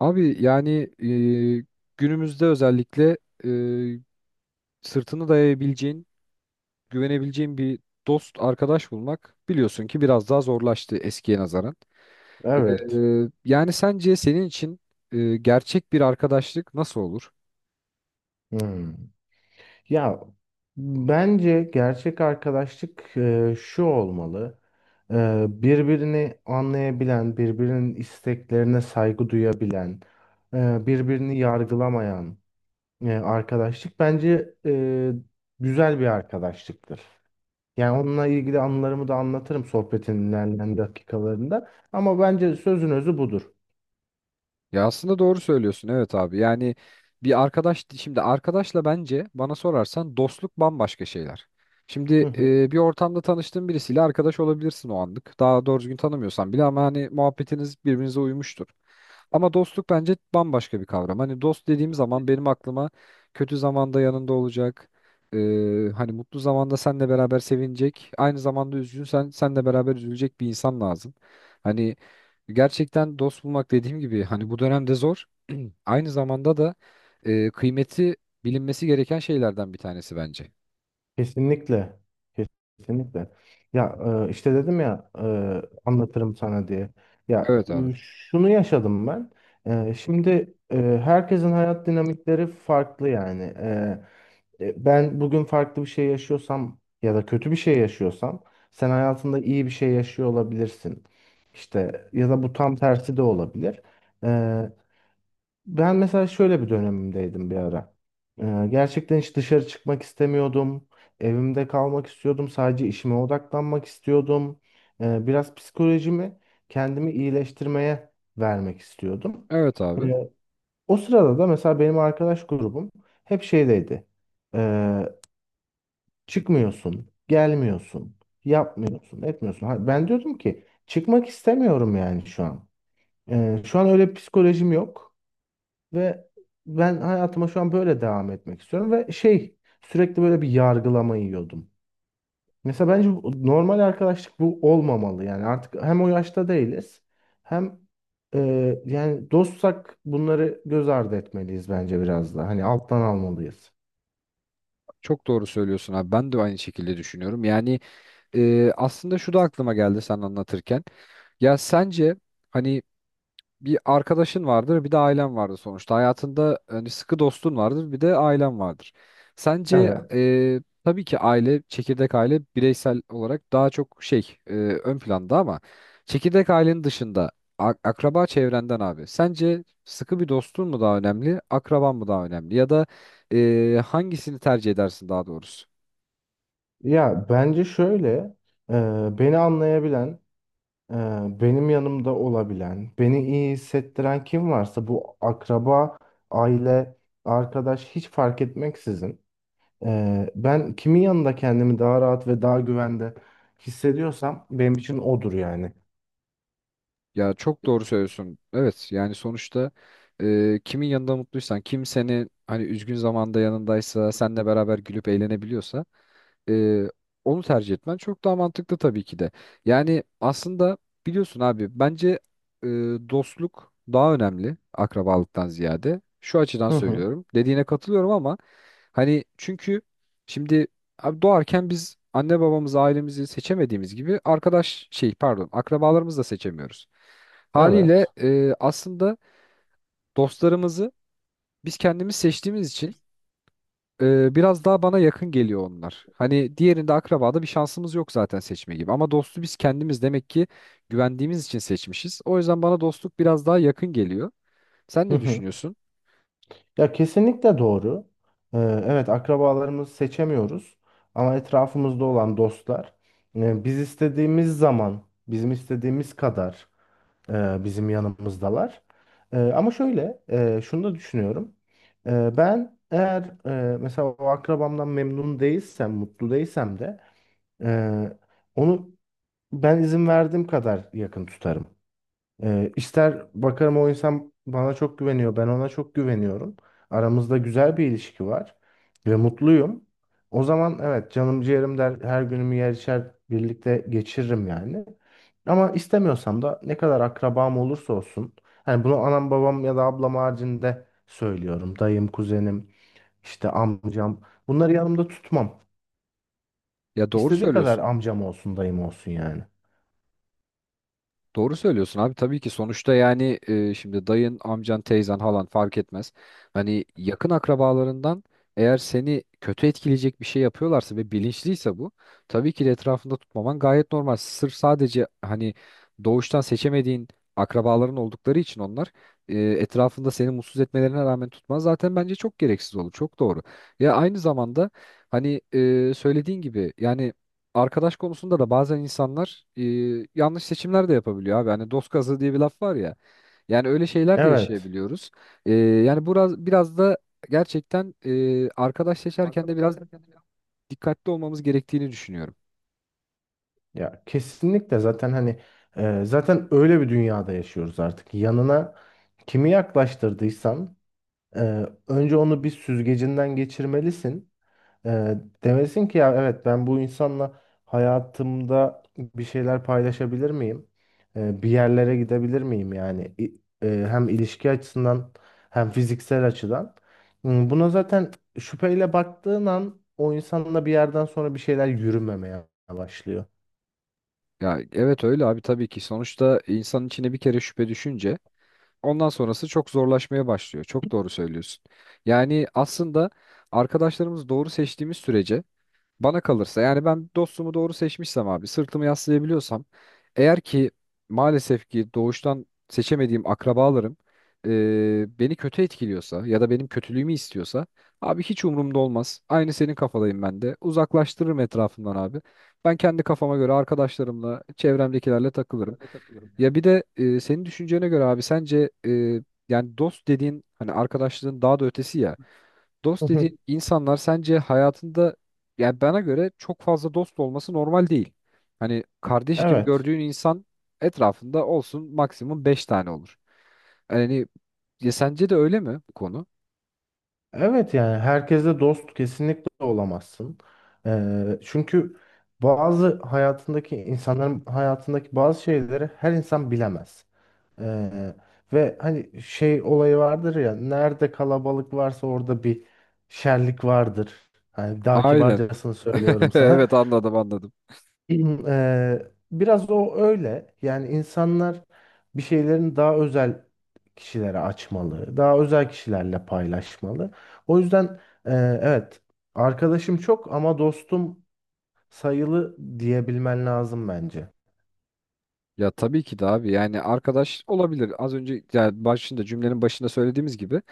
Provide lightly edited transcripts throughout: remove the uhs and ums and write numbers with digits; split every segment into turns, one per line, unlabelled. Abi yani e, günümüzde özellikle e, sırtını dayayabileceğin, güvenebileceğin bir dost, arkadaş bulmak biliyorsun ki biraz daha zorlaştı eskiye nazaran. E,
Evet.
Yani sence senin için gerçek bir arkadaşlık nasıl olur?
Hmm. Ya bence gerçek arkadaşlık şu olmalı. Birbirini anlayabilen, birbirinin isteklerine saygı duyabilen, birbirini yargılamayan arkadaşlık bence güzel bir arkadaşlıktır. Yani onunla ilgili anılarımı da anlatırım sohbetin ilerleyen dakikalarında. Ama bence sözün özü budur.
Ya aslında doğru söylüyorsun, evet abi. Yani bir arkadaş, şimdi arkadaşla, bence bana sorarsan dostluk bambaşka şeyler. Şimdi bir ortamda tanıştığın birisiyle arkadaş olabilirsin o anlık. Daha doğru düzgün tanımıyorsan bile, ama hani muhabbetiniz birbirinize uymuştur. Ama dostluk bence bambaşka bir kavram. Hani dost dediğim zaman benim aklıma kötü zamanda yanında olacak. e, Hani mutlu zamanda seninle beraber sevinecek. Aynı zamanda üzgünsen seninle beraber üzülecek bir insan lazım. Hani gerçekten dost bulmak, dediğim gibi, hani bu dönemde zor. Aynı zamanda da kıymeti bilinmesi gereken şeylerden bir tanesi bence.
Kesinlikle. Kesinlikle. Ya işte dedim ya, anlatırım sana diye. Ya
Evet abi.
şunu yaşadım ben. Şimdi herkesin hayat dinamikleri farklı yani. Ben bugün farklı bir şey yaşıyorsam ya da kötü bir şey yaşıyorsam sen hayatında iyi bir şey yaşıyor olabilirsin. İşte ya da bu tam tersi de olabilir. E, Ben mesela şöyle bir dönemimdeydim bir ara. Gerçekten hiç dışarı çıkmak istemiyordum. Evimde kalmak istiyordum. Sadece işime odaklanmak istiyordum. Biraz psikolojimi, kendimi iyileştirmeye vermek istiyordum.
Evet abi.
Ee, O sırada da mesela benim arkadaş grubum hep şeydeydi. Ee, Çıkmıyorsun, gelmiyorsun, yapmıyorsun, etmiyorsun. Ha, ben diyordum ki çıkmak istemiyorum yani şu an. Şu an öyle bir psikolojim yok. Ve ben hayatıma şu an böyle devam etmek istiyorum ve şey, sürekli böyle bir yargılama yiyordum. Mesela bence normal arkadaşlık bu olmamalı yani, artık hem o yaşta değiliz hem e, yani dostsak bunları göz ardı etmeliyiz, bence biraz da hani alttan almalıyız.
Çok doğru söylüyorsun abi. Ben de aynı şekilde düşünüyorum. Yani aslında şu da aklıma geldi sen anlatırken. Ya sence hani bir arkadaşın vardır, bir de ailen vardır sonuçta. Hayatında hani sıkı dostun vardır, bir de ailen vardır. Sence
Evet.
tabii ki aile, çekirdek aile bireysel olarak daha çok şey, ön planda, ama çekirdek ailenin dışında akraba çevrenden abi. Sence sıkı bir dostun mu daha önemli, akraban mı daha önemli, ya da hangisini tercih edersin daha doğrusu?
Ya bence şöyle, e, beni anlayabilen, Ee, benim yanımda olabilen, beni iyi hissettiren kim varsa bu akraba, aile, arkadaş hiç fark etmeksizin, ben kimin yanında kendimi daha rahat ve daha güvende hissediyorsam benim için odur yani.
Ya çok doğru söylüyorsun. Evet, yani sonuçta kimin yanında mutluysan, kim seni hani üzgün zamanda yanındaysa, seninle beraber gülüp eğlenebiliyorsa e, onu tercih etmen çok daha mantıklı tabii ki de. Yani aslında biliyorsun abi, bence e, dostluk daha önemli akrabalıktan ziyade. Şu açıdan
Hı hı,
söylüyorum. Dediğine katılıyorum ama hani, çünkü şimdi abi, doğarken biz anne babamızı, ailemizi seçemediğimiz gibi arkadaş, şey, pardon, akrabalarımızı da seçemiyoruz. Haliyle
evet.
aslında dostlarımızı biz kendimiz seçtiğimiz için biraz daha bana yakın geliyor onlar. Hani diğerinde, akrabada, bir şansımız yok zaten seçme gibi, ama dostu biz kendimiz, demek ki güvendiğimiz için seçmişiz. O yüzden bana dostluk biraz daha yakın geliyor. Sen
Hı
ne
hı.
düşünüyorsun?
Ya kesinlikle doğru. Ee, evet, akrabalarımızı seçemiyoruz ama etrafımızda olan dostlar biz istediğimiz zaman, bizim istediğimiz kadar bizim yanımızdalar. Ama şöyle, şunu da düşünüyorum. Ben eğer mesela o akrabamdan memnun değilsem, mutlu değilsem de e, onu ben izin verdiğim kadar yakın tutarım. İster bakarım, o insan bana çok güveniyor, ben ona çok güveniyorum. Aramızda güzel bir ilişki var ve mutluyum. O zaman evet, canım ciğerim der, her günümü yer içer birlikte geçiririm yani. Ama istemiyorsam da, ne kadar akrabam olursa olsun. Hani bunu anam babam ya da ablam haricinde söylüyorum. Dayım, kuzenim, işte amcam. Bunları yanımda tutmam.
Ya doğru
İstediği kadar
söylüyorsun.
amcam olsun, dayım olsun yani.
Doğru söylüyorsun abi, tabii ki, sonuçta yani şimdi dayın, amcan, teyzen, halan fark etmez. Hani yakın akrabalarından, eğer seni kötü etkileyecek bir şey yapıyorlarsa ve bilinçliyse bu, tabii ki de etrafında tutmaman gayet normal. Sırf sadece hani doğuştan seçemediğin akrabaların oldukları için onlar etrafında, seni mutsuz etmelerine rağmen tutman zaten bence çok gereksiz olur. Çok doğru. Ya aynı zamanda hani söylediğin gibi yani arkadaş konusunda da bazen insanlar yanlış seçimler de yapabiliyor abi. Hani dost kazığı diye bir laf var ya. Yani öyle şeyler de
Evet.
yaşayabiliyoruz. Yani biraz da gerçekten arkadaş seçerken de biraz dikkatli olmamız gerektiğini düşünüyorum.
Ya kesinlikle, zaten hani zaten öyle bir dünyada yaşıyoruz artık. Yanına kimi yaklaştırdıysan önce onu bir süzgecinden geçirmelisin. E, Demelisin ki ya evet, ben bu insanla hayatımda bir şeyler paylaşabilir miyim? Bir yerlere gidebilir miyim yani? Hem ilişki açısından hem fiziksel açıdan. Buna zaten şüpheyle baktığın an, o insanla bir yerden sonra bir şeyler yürümemeye başlıyor.
Ya evet öyle abi tabii ki. Sonuçta insanın içine bir kere şüphe düşünce ondan sonrası çok zorlaşmaya başlıyor. Çok doğru söylüyorsun. Yani aslında arkadaşlarımızı doğru seçtiğimiz sürece, bana kalırsa yani, ben dostumu doğru seçmişsem abi, sırtımı yaslayabiliyorsam, eğer ki maalesef ki doğuştan seçemediğim akrabalarım beni kötü etkiliyorsa ya da benim kötülüğümü istiyorsa, abi hiç umurumda olmaz. Aynı senin kafadayım ben de. Uzaklaştırırım etrafımdan abi. Ben kendi kafama göre arkadaşlarımla, çevremdekilerle takılırım. Ya bir de senin düşüncene göre abi, sence yani dost dediğin, hani arkadaşlığın daha da ötesi ya. Dost dediğin insanlar sence hayatında, yani bana göre çok fazla dost olması normal değil. Hani kardeş gibi
Evet.
gördüğün insan etrafında olsun, maksimum 5 tane olur. Yani, ya sence de öyle mi bu konu?
Evet, yani herkesle dost kesinlikle olamazsın. Çünkü bazı hayatındaki insanların hayatındaki bazı şeyleri her insan bilemez. Ee, Ve hani şey olayı vardır ya, nerede kalabalık varsa orada bir şerlik vardır. Hani daha
Aynen.
kibarcasını söylüyorum sana.
Evet, anladım anladım.
Hmm. Biraz o öyle. Yani insanlar bir şeylerin daha özel kişilere açmalı, daha özel kişilerle paylaşmalı. O yüzden evet, arkadaşım çok ama dostum sayılı diyebilmen lazım bence.
Ya tabii ki de abi, yani arkadaş olabilir. Az önce, yani başında, cümlenin başında söylediğimiz gibi,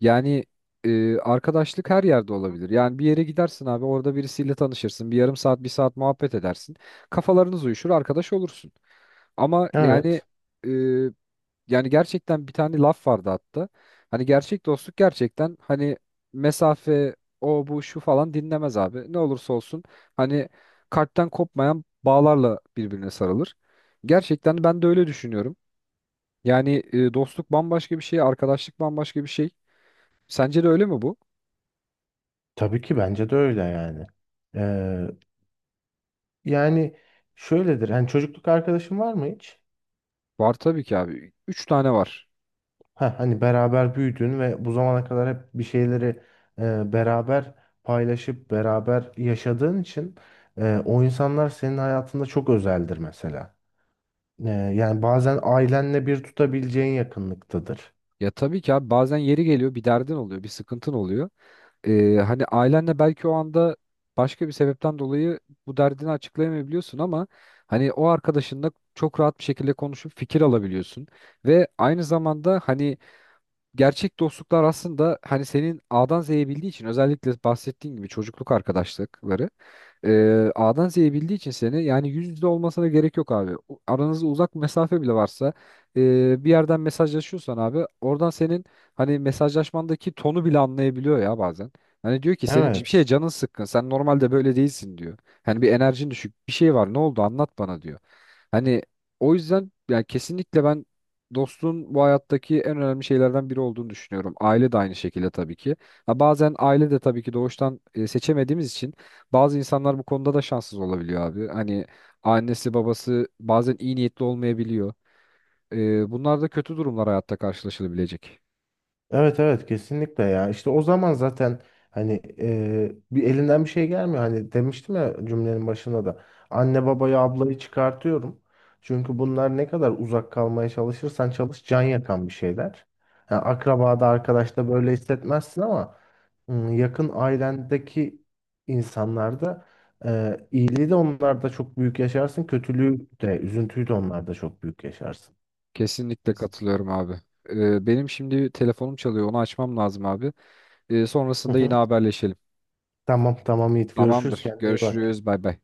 yani arkadaşlık her yerde olabilir. Yani bir yere gidersin abi, orada birisiyle tanışırsın. Bir yarım saat, bir saat muhabbet edersin. Kafalarınız uyuşur, arkadaş olursun. Ama yani
Evet,
e, Yani gerçekten bir tane laf vardı hatta. Hani gerçek dostluk, gerçekten hani, mesafe o bu şu falan dinlemez abi. Ne olursa olsun hani kalpten kopmayan bağlarla birbirine sarılır. Gerçekten ben de öyle düşünüyorum. Yani dostluk bambaşka bir şey, arkadaşlık bambaşka bir şey. Sence de öyle mi bu?
tabii ki bence de öyle yani. Eee, Yani şöyledir. Hani çocukluk arkadaşın var mı hiç?
Var tabii ki abi. 3 tane var.
Ha, hani beraber büyüdün ve bu zamana kadar hep bir şeyleri beraber paylaşıp beraber yaşadığın için o insanlar senin hayatında çok özeldir mesela. Yani bazen ailenle bir tutabileceğin yakınlıktadır.
Ya tabii ki abi, bazen yeri geliyor, bir derdin oluyor, bir sıkıntın oluyor. Hani ailenle belki o anda başka bir sebepten dolayı bu derdini açıklayamayabiliyorsun, ama hani o arkadaşınla çok rahat bir şekilde konuşup fikir alabiliyorsun. Ve aynı zamanda hani gerçek dostluklar aslında, hani senin A'dan Z'ye bildiği için, özellikle bahsettiğin gibi çocukluk arkadaşlıkları, ee, A'dan Z'ye bildiği için seni, yani yüz yüze olmasına gerek yok abi. Aranızda uzak mesafe bile varsa bir yerden mesajlaşıyorsan abi, oradan senin hani mesajlaşmandaki tonu bile anlayabiliyor ya bazen. Hani diyor ki, senin bir şeye
Evet.
canın sıkkın. Sen normalde böyle değilsin diyor. Hani bir enerjin düşük. Bir şey var. Ne oldu? Anlat bana diyor. Hani o yüzden yani kesinlikle ben dostluğun bu hayattaki en önemli şeylerden biri olduğunu düşünüyorum. Aile de aynı şekilde tabii ki. Ha, bazen aile de tabii ki doğuştan seçemediğimiz için bazı insanlar bu konuda da şanssız olabiliyor abi. Hani annesi babası bazen iyi niyetli olmayabiliyor. Bunlar da kötü durumlar hayatta karşılaşılabilecek.
Evet, evet, kesinlikle. Ya işte o zaman zaten hani, bir elinden bir şey gelmiyor. Hani demiştim ya cümlenin başında da, anne babayı, ablayı çıkartıyorum, çünkü bunlar ne kadar uzak kalmaya çalışırsan çalış, can yakan bir şeyler. Yani akrabada, arkadaşta böyle hissetmezsin ama yakın ailendeki insanlarda iyiliği de onlarda çok büyük yaşarsın, kötülüğü de, üzüntüyü de onlarda çok büyük yaşarsın.
Kesinlikle katılıyorum abi. Benim şimdi telefonum çalıyor. Onu açmam lazım abi.
Hı
Sonrasında yine
hı.
haberleşelim.
Tamam, tamam Yiğit, görüşürüz,
Tamamdır.
kendine iyi bak.
Görüşürüz. Bay bay.